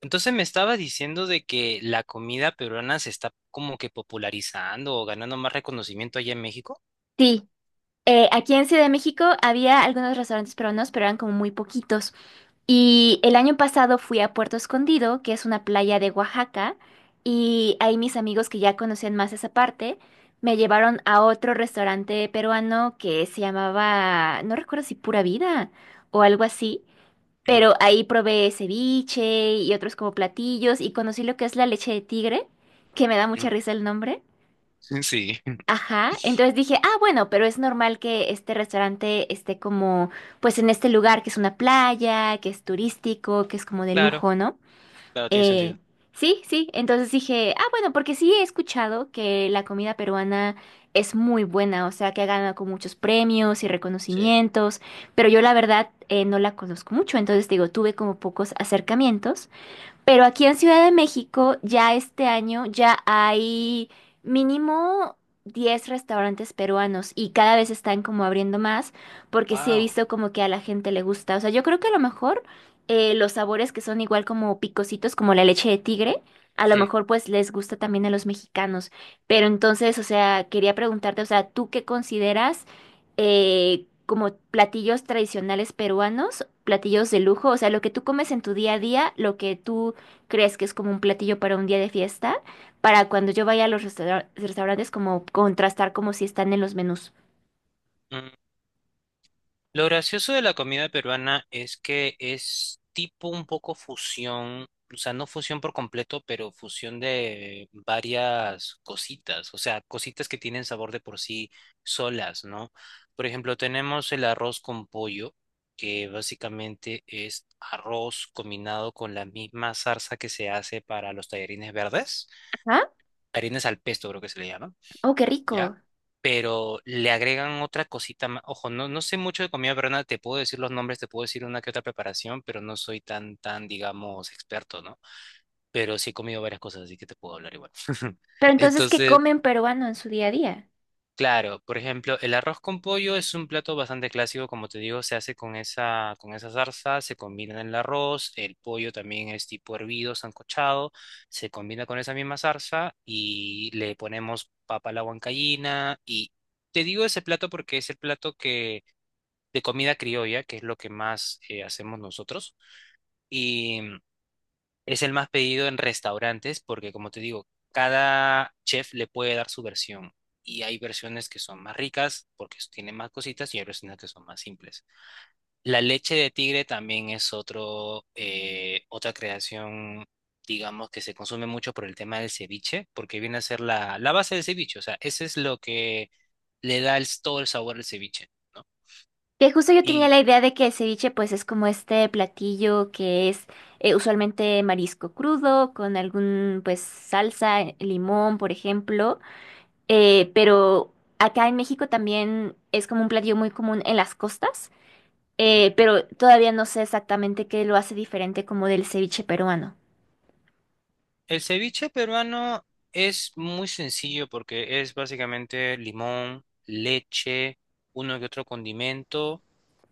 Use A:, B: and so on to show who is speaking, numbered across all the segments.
A: Entonces me estaba diciendo de que la comida peruana se está como que popularizando o ganando más reconocimiento allá en México.
B: Sí, aquí en Ciudad de México había algunos restaurantes peruanos, pero eran como muy poquitos. Y el año pasado fui a Puerto Escondido, que es una playa de Oaxaca, y ahí mis amigos que ya conocían más esa parte me llevaron a otro restaurante peruano que se llamaba, no recuerdo si Pura Vida o algo así,
A: Ujú,
B: pero ahí probé ceviche y otros como platillos y conocí lo que es la leche de tigre, que me da mucha risa el nombre.
A: ujú. Sí.
B: Ajá, entonces dije, ah, bueno, pero es normal que este restaurante esté como, pues en este lugar que es una playa, que es turístico, que es como de
A: Claro,
B: lujo, ¿no?
A: claro, tiene
B: Eh,
A: sentido.
B: sí, sí, entonces dije, ah, bueno, porque sí he escuchado que la comida peruana es muy buena, o sea, que ha ganado con muchos premios y
A: Sí.
B: reconocimientos, pero yo la verdad no la conozco mucho, entonces digo, tuve como pocos acercamientos. Pero aquí en Ciudad de México ya este año ya hay mínimo 10 restaurantes peruanos y cada vez están como abriendo más porque sí he
A: Wow.
B: visto como que a la gente le gusta. O sea, yo creo que a lo mejor los sabores que son igual como picositos, como la leche de tigre, a lo
A: Sí.
B: mejor pues les gusta también a los mexicanos. Pero entonces, o sea, quería preguntarte, o sea, ¿tú qué consideras como platillos tradicionales peruanos platillos de lujo? O sea, lo que tú comes en tu día a día, lo que tú crees que es como un platillo para un día de fiesta, para cuando yo vaya a los restaurantes como contrastar como si están en los menús.
A: Lo gracioso de la comida peruana es que es tipo un poco fusión, o sea, no fusión por completo, pero fusión de varias cositas, o sea, cositas que tienen sabor de por sí solas, ¿no? Por ejemplo, tenemos el arroz con pollo, que básicamente es arroz combinado con la misma salsa que se hace para los tallarines verdes,
B: Ajá.
A: tallarines al pesto creo que se le llama.
B: Oh, qué
A: ¿Ya?
B: rico.
A: Pero le agregan otra cosita más. Ojo, no sé mucho de comida peruana, te puedo decir los nombres, te puedo decir una que otra preparación, pero no soy tan, digamos, experto, ¿no? Pero sí he comido varias cosas, así que te puedo hablar igual.
B: Pero entonces, ¿qué
A: Entonces,
B: comen peruano en su día a día?
A: claro, por ejemplo, el arroz con pollo es un plato bastante clásico, como te digo, se hace con esa salsa, se combina en el arroz, el pollo también es tipo hervido, sancochado, se combina con esa misma salsa y le ponemos papa a la huancaína y te digo ese plato porque es el plato que de comida criolla, que es lo que más hacemos nosotros. Es el más pedido en restaurantes porque, como te digo, cada chef le puede dar su versión. Y hay versiones que son más ricas porque tienen más cositas y hay versiones que son más simples. La leche de tigre también es otro, otra creación, digamos, que se consume mucho por el tema del ceviche, porque viene a ser la base del ceviche. O sea, ese es lo que le da el todo el sabor al ceviche, ¿no?
B: Que justo yo tenía la
A: Sí.
B: idea de que el ceviche pues es como este platillo que es usualmente marisco crudo con algún pues salsa, limón, por ejemplo. Pero acá en México también es como un platillo muy común en las costas.
A: Y
B: Pero todavía no sé exactamente qué lo hace diferente como del ceviche peruano.
A: el ceviche peruano es muy sencillo porque es básicamente limón, leche, uno que otro condimento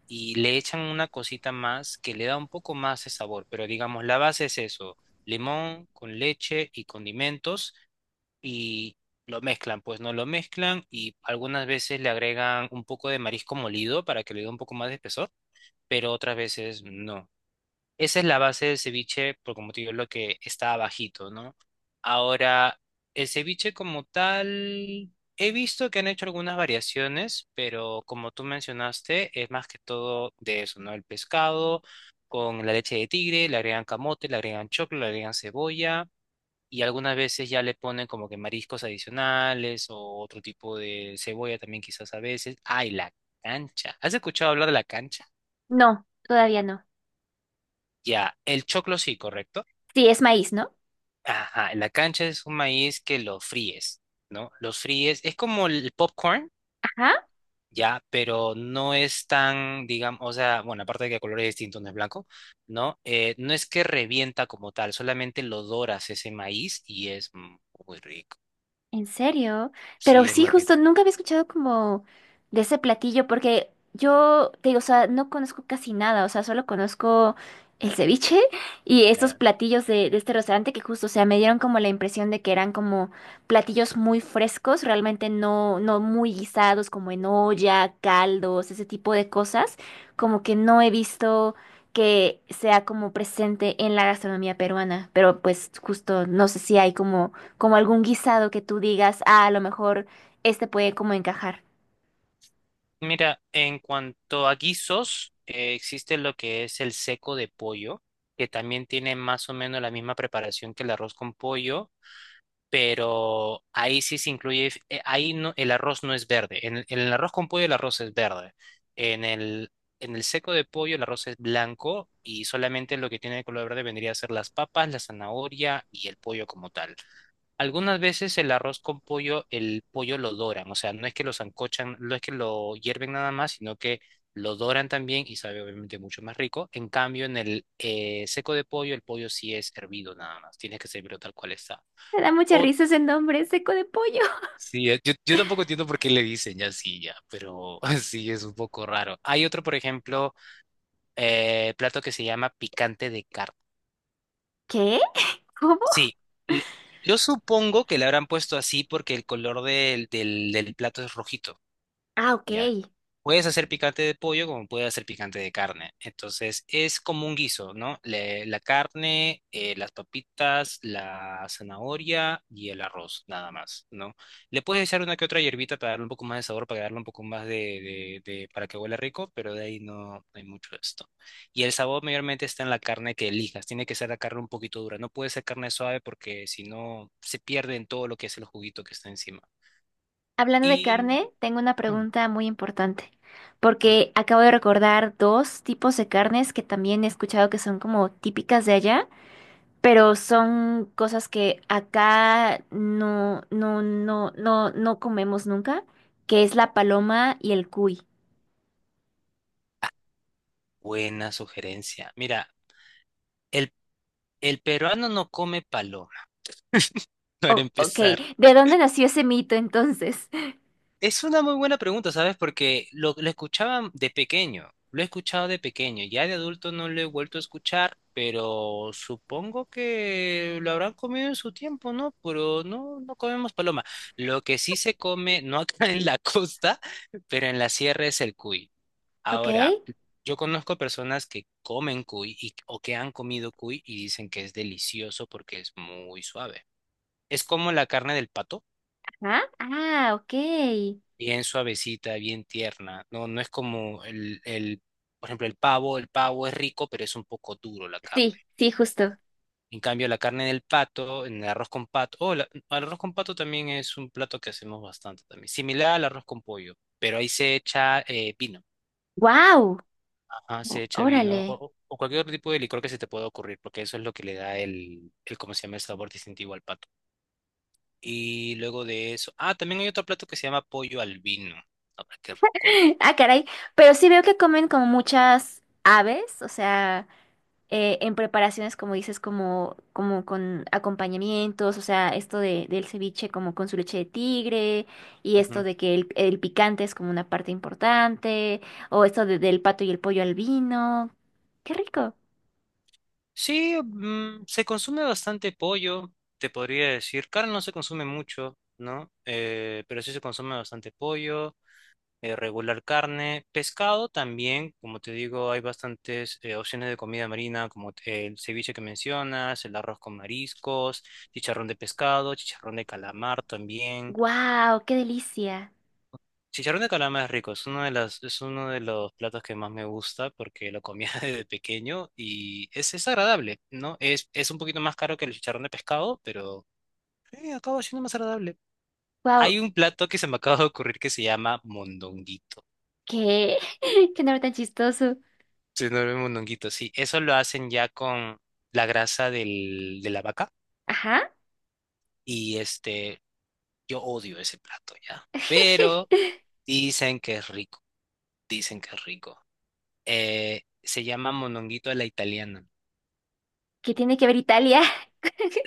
A: y le echan una cosita más que le da un poco más de sabor, pero digamos, la base es eso, limón con leche y condimentos y lo mezclan, pues no lo mezclan y algunas veces le agregan un poco de marisco molido para que le dé un poco más de espesor, pero otras veces no. Esa es la base del ceviche, por como te digo, lo que está abajito, ¿no? Ahora, el ceviche como tal, he visto que han hecho algunas variaciones, pero como tú mencionaste, es más que todo de eso, ¿no? El pescado con la leche de tigre, le agregan camote, le agregan choclo, le agregan cebolla y algunas veces ya le ponen como que mariscos adicionales o otro tipo de cebolla también quizás a veces. ¡Ay, la cancha! ¿Has escuchado hablar de la cancha?
B: No, todavía no.
A: Ya, el choclo sí, ¿correcto?
B: Sí, es maíz, ¿no?
A: Ajá, la cancha es un maíz que lo fríes, ¿no? Los fríes, es como el popcorn,
B: Ajá.
A: ya, pero no es tan, digamos, o sea, bueno, aparte de que el color es distinto, no es blanco, ¿no? No es que revienta como tal, solamente lo doras ese maíz y es muy rico.
B: ¿En serio? Pero
A: Sí, es
B: sí,
A: muy
B: justo
A: rico.
B: nunca había escuchado como de ese platillo, porque yo te digo, o sea, no conozco casi nada, o sea, solo conozco el ceviche y estos
A: Ya.
B: platillos de este restaurante que justo, o sea, me dieron como la impresión de que eran como platillos muy frescos, realmente no, no muy guisados, como en olla, caldos, ese tipo de cosas, como que no he visto que sea como presente en la gastronomía peruana, pero pues justo no sé si hay como como algún guisado que tú digas, ah, a lo mejor este puede como encajar.
A: Mira, en cuanto a guisos, existe lo que es el seco de pollo, que también tiene más o menos la misma preparación que el arroz con pollo pero ahí sí se incluye, ahí no, el arroz no es verde, en el arroz con pollo el arroz es verde, en el, en el seco de pollo el arroz es blanco y solamente lo que tiene de color verde vendría a ser las papas, la zanahoria y el pollo como tal. Algunas veces el arroz con pollo, el pollo lo doran, o sea, no es que lo sancochan, no es que lo hierven nada más, sino que lo doran también y sabe obviamente mucho más rico. En cambio, en el seco de pollo, el pollo sí es hervido nada más, tiene que servirlo tal cual está.
B: Me da mucha
A: O
B: risa ese nombre, seco de pollo.
A: Sí, yo tampoco entiendo por qué le dicen ya así, ya, pero sí es un poco raro. Hay otro, por ejemplo, plato que se llama picante de carne.
B: ¿Qué? ¿Cómo?
A: Sí, le- yo supongo que le habrán puesto así porque el color del plato es rojito.
B: Ah, ok.
A: ¿Ya? Puedes hacer picante de pollo como puedes hacer picante de carne. Entonces es como un guiso, ¿no? La carne, las papitas, la zanahoria y el arroz, nada más, ¿no? Le puedes echar una que otra hierbita para darle un poco más de sabor, para darle un poco más para que huela rico, pero de ahí no, no hay mucho de esto. Y el sabor mayormente está en la carne que elijas. Tiene que ser la carne un poquito dura. No puede ser carne suave porque si no se pierde en todo lo que es el juguito que está encima.
B: Hablando de
A: Y...
B: carne, tengo una pregunta muy importante,
A: mm,
B: porque acabo de recordar dos tipos de carnes que también he escuchado que son como típicas de allá, pero son cosas que acá no, no, no, no, no comemos nunca, que es la paloma y el cuy.
A: buena sugerencia. Mira, el, el peruano no come paloma, para
B: Oh, ok,
A: empezar.
B: ¿de dónde nació ese mito entonces?
A: Es una muy buena pregunta, ¿sabes? Porque lo escuchaba de pequeño, lo he escuchado de pequeño, ya de adulto no lo he vuelto a escuchar, pero supongo que lo habrán comido en su tiempo, ¿no? Pero no, no comemos paloma. Lo que sí se come, no acá en la costa, pero en la sierra es el cuy.
B: Ok.
A: Ahora, yo conozco personas que comen o que han comido cuy y dicen que es delicioso porque es muy suave. Es como la carne del pato,
B: ¿Ah? Ah, ok.
A: bien suavecita, bien tierna. No, no es como por ejemplo, el pavo. El pavo es rico, pero es un poco duro la carne.
B: Sí, sí, justo.
A: En cambio, la carne del pato, en el arroz con pato, oh, el arroz con pato también es un plato que hacemos bastante también. Similar al arroz con pollo, pero ahí se echa vino.
B: ¡Wow!
A: Ah, se echa vino
B: Órale.
A: o cualquier otro tipo de licor que se te pueda ocurrir, porque eso es lo que le da el ¿cómo se llama? El sabor distintivo al pato. Y luego de eso, ah, también hay otro plato que se llama pollo al vino, ahora que recuerdo.
B: Ah, caray. Pero sí veo que comen como muchas aves, o sea, en preparaciones, como dices, como, como con acompañamientos, o sea, esto de, del ceviche como con su leche de tigre, y esto
A: Ujú.
B: de que el picante es como una parte importante, o esto del pato y el pollo al vino. ¡Qué rico!
A: Sí, mm, se consume bastante pollo, te podría decir. Carne no se consume mucho, ¿no? Pero sí se consume bastante pollo. Regular carne, pescado también, como te digo, hay bastantes opciones de comida marina, como el ceviche que mencionas, el arroz con mariscos, chicharrón de pescado, chicharrón de calamar también.
B: ¡Wow! ¡Qué delicia!
A: Chicharrón de calamar es rico, es uno de los platos que más me gusta porque lo comía desde pequeño y es agradable, ¿no? Es un poquito más caro que el chicharrón de pescado, pero acaba siendo más agradable. Hay
B: ¡Wow!
A: un plato que se me acaba de ocurrir que se llama mondonguito.
B: ¿Qué? ¡Qué nombre tan chistoso!
A: Se duerme mondonguito, sí. Eso lo hacen ya con la grasa de la vaca.
B: Ajá.
A: Y este, yo odio ese plato ya. Pero dicen que es rico. Dicen que es rico. Se llama mondonguito a la italiana.
B: ¿Qué tiene que ver Italia?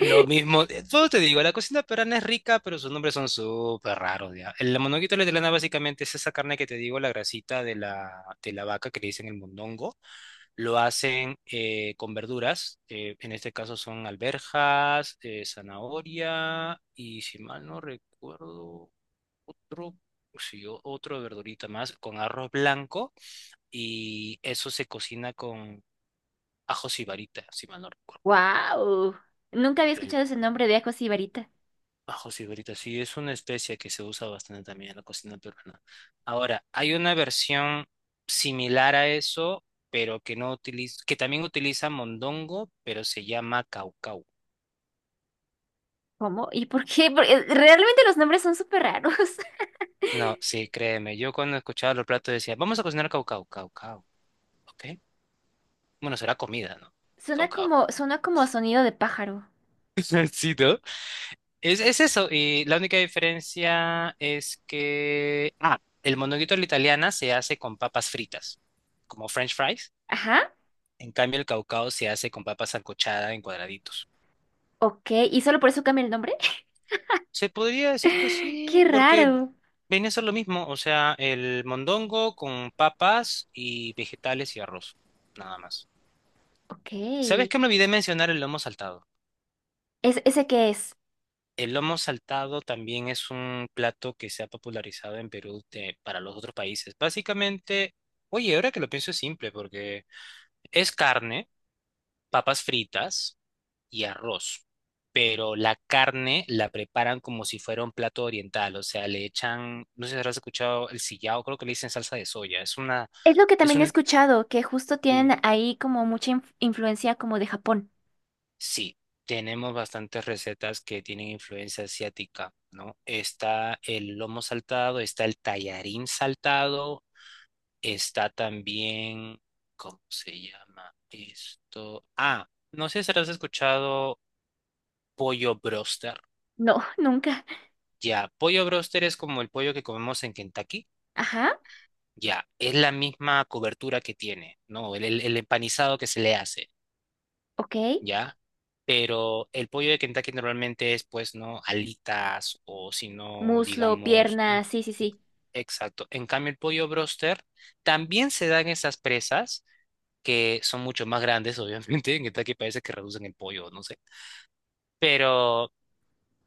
A: Lo mismo, todo te digo, la cocina peruana es rica, pero sus nombres son súper raros, ya. El monoguito a la italiana básicamente es esa carne que te digo, la grasita de la vaca que le dicen el mondongo. Lo hacen con verduras, en este caso son alberjas, zanahoria y si mal no recuerdo, otro, sí, otro verdurita más con arroz blanco y eso se cocina con ajo sibarita, si mal no recuerdo.
B: Wow. Nunca había
A: Sí.
B: escuchado ese nombre de Ajo Sibarita.
A: Ajo cigarrita, sí, es una especia que se usa bastante también en la cocina peruana. Ahora, hay una versión similar a eso, pero que no utiliza, que también utiliza mondongo, pero se llama caucau.
B: ¿Cómo? ¿Y por qué? Porque realmente los nombres son súper raros.
A: No, sí, créeme, yo cuando escuchaba los platos decía, vamos a cocinar caucau, caucau, ¿ok? Bueno, será comida, ¿no? Caucau.
B: Suena como sonido de pájaro.
A: Sí, ¿no? Es eso, y la única diferencia es que, ah, el mondonguito a la italiana se hace con papas fritas, como French fries.
B: Ajá.
A: En cambio, el caucao se hace con papa sancochada en cuadraditos.
B: Ok. ¿Y solo por eso cambia el nombre?
A: Se podría decir que sí,
B: Qué
A: porque
B: raro.
A: viene a ser lo mismo, o sea, el mondongo con papas y vegetales y arroz, nada más.
B: Ok.
A: ¿Sabes qué me olvidé mencionar el lomo saltado?
B: ¿Es, ese qué es?
A: El lomo saltado también es un plato que se ha popularizado en Perú para los otros países. Básicamente, oye, ahora que lo pienso es simple, porque es carne, papas fritas y arroz. Pero la carne la preparan como si fuera un plato oriental, o sea, le echan, no sé si habrás escuchado el sillao, creo que le dicen salsa de soya. Es una,
B: Es lo que
A: es
B: también he
A: un,
B: escuchado, que justo
A: eh,
B: tienen ahí como mucha influencia como de Japón.
A: sí, tenemos bastantes recetas que tienen influencia asiática, ¿no? Está el lomo saltado, está el tallarín saltado, está también, ¿cómo se llama esto? Ah, no sé si habrás escuchado pollo broster.
B: No, nunca.
A: Ya, pollo broster es como el pollo que comemos en Kentucky.
B: Ajá.
A: Ya, es la misma cobertura que tiene, ¿no? El empanizado que se le hace,
B: Ok.
A: ¿ya? Pero el pollo de Kentucky normalmente es, pues, ¿no? Alitas o si no,
B: Muslo,
A: digamos... mm,
B: pierna, sí, sí,
A: ex-
B: sí.
A: Exacto. En cambio, el pollo broster también se dan esas presas que son mucho más grandes, obviamente. En Kentucky parece que reducen el pollo, no sé. Pero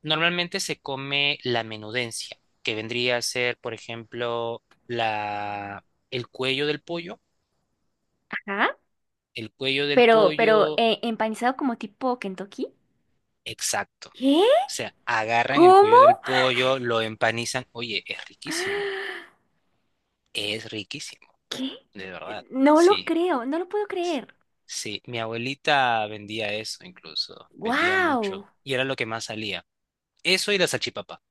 A: normalmente se come la menudencia, que vendría a ser, por ejemplo, el cuello del pollo.
B: ¿Ah?
A: El cuello del
B: Pero,
A: pollo,
B: empanizado como tipo Kentucky.
A: exacto.
B: ¿Qué?
A: O sea, agarran el
B: ¿Cómo?
A: cuello del pollo, lo empanizan. Oye, es riquísimo,
B: ¿Qué?
A: de verdad.
B: No lo
A: Sí,
B: creo, no lo puedo creer.
A: sí. Mi abuelita vendía eso incluso, vendía
B: ¡Wow!
A: mucho. Y era lo que más salía. Eso y la salchipapa.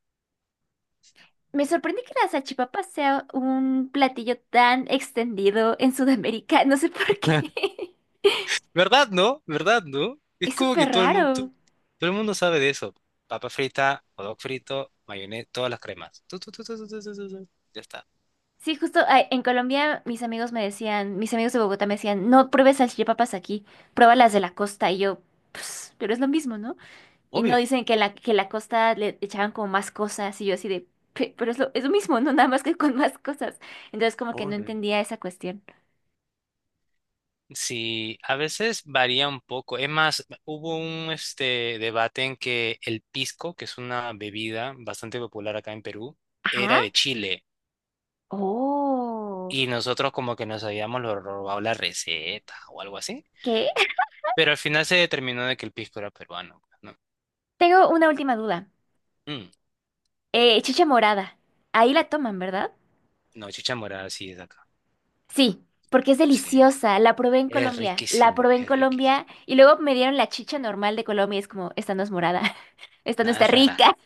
B: Me sorprende que la salchipapa sea un platillo tan extendido en Sudamérica. No sé por qué.
A: ¿Verdad, no? ¿Verdad, no? Es
B: Es
A: como
B: súper
A: que
B: raro.
A: todo el mundo sabe de eso. Papa frita, hot dog frito, mayonesa, todas las cremas. Tu, tu, tu, tu, tu, tu, tu, tu, tu. Ya está.
B: Sí, justo ah, en Colombia mis amigos me decían, mis amigos de Bogotá me decían, no pruebes salchipapas aquí, pruébalas de la costa. Y yo, pues, pero es lo mismo, ¿no? Y no
A: Obvio.
B: dicen que la costa le echaban como más cosas y yo así de, pero es lo mismo, no nada más que con más cosas". Entonces como que no
A: Obvio.
B: entendía esa cuestión.
A: Sí, a veces varía un poco. Es más, hubo un este debate en que el pisco, que es una bebida bastante popular acá en Perú, era
B: Ajá.
A: de Chile
B: Oh.
A: y nosotros como que nos habíamos lo robado la receta o algo así.
B: ¿Qué?
A: Pero al final se determinó de que el pisco era peruano, ¿no?
B: Tengo una última duda.
A: Mm,
B: Chicha morada. Ahí la toman, ¿verdad?
A: no, chicha morada sí es de acá.
B: Sí, porque es
A: Sí,
B: deliciosa. La probé en
A: es
B: Colombia. La
A: riquísimo,
B: probé en
A: es riquísimo.
B: Colombia y luego me dieron la chicha normal de Colombia y es como, esta no es morada. Esta no
A: Nada,
B: está
A: es rara.
B: rica.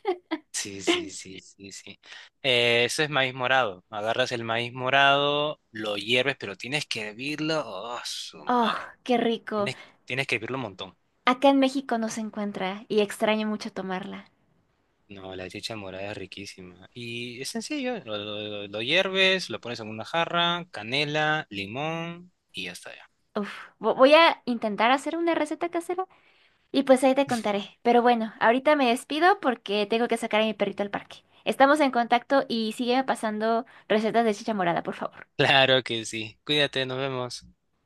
A: Sí, sí, sí, sí, sí. Eso es maíz morado. Agarras el maíz morado, lo hierves, pero tienes que hervirlo. Oh, su
B: Oh,
A: madre.
B: qué rico.
A: Tienes, Tienes que hervirlo un montón.
B: Acá en México no se encuentra y extraño mucho tomarla.
A: No, la chicha morada es riquísima. Y es sencillo, lo hierves, lo pones en una jarra, canela, limón y ya está ya.
B: Uf, voy a intentar hacer una receta casera y pues ahí te contaré. Pero bueno, ahorita me despido porque tengo que sacar a mi perrito al parque. Estamos en contacto y sígueme pasando recetas de chicha morada, por favor.
A: Claro que sí. Cuídate, nos vemos.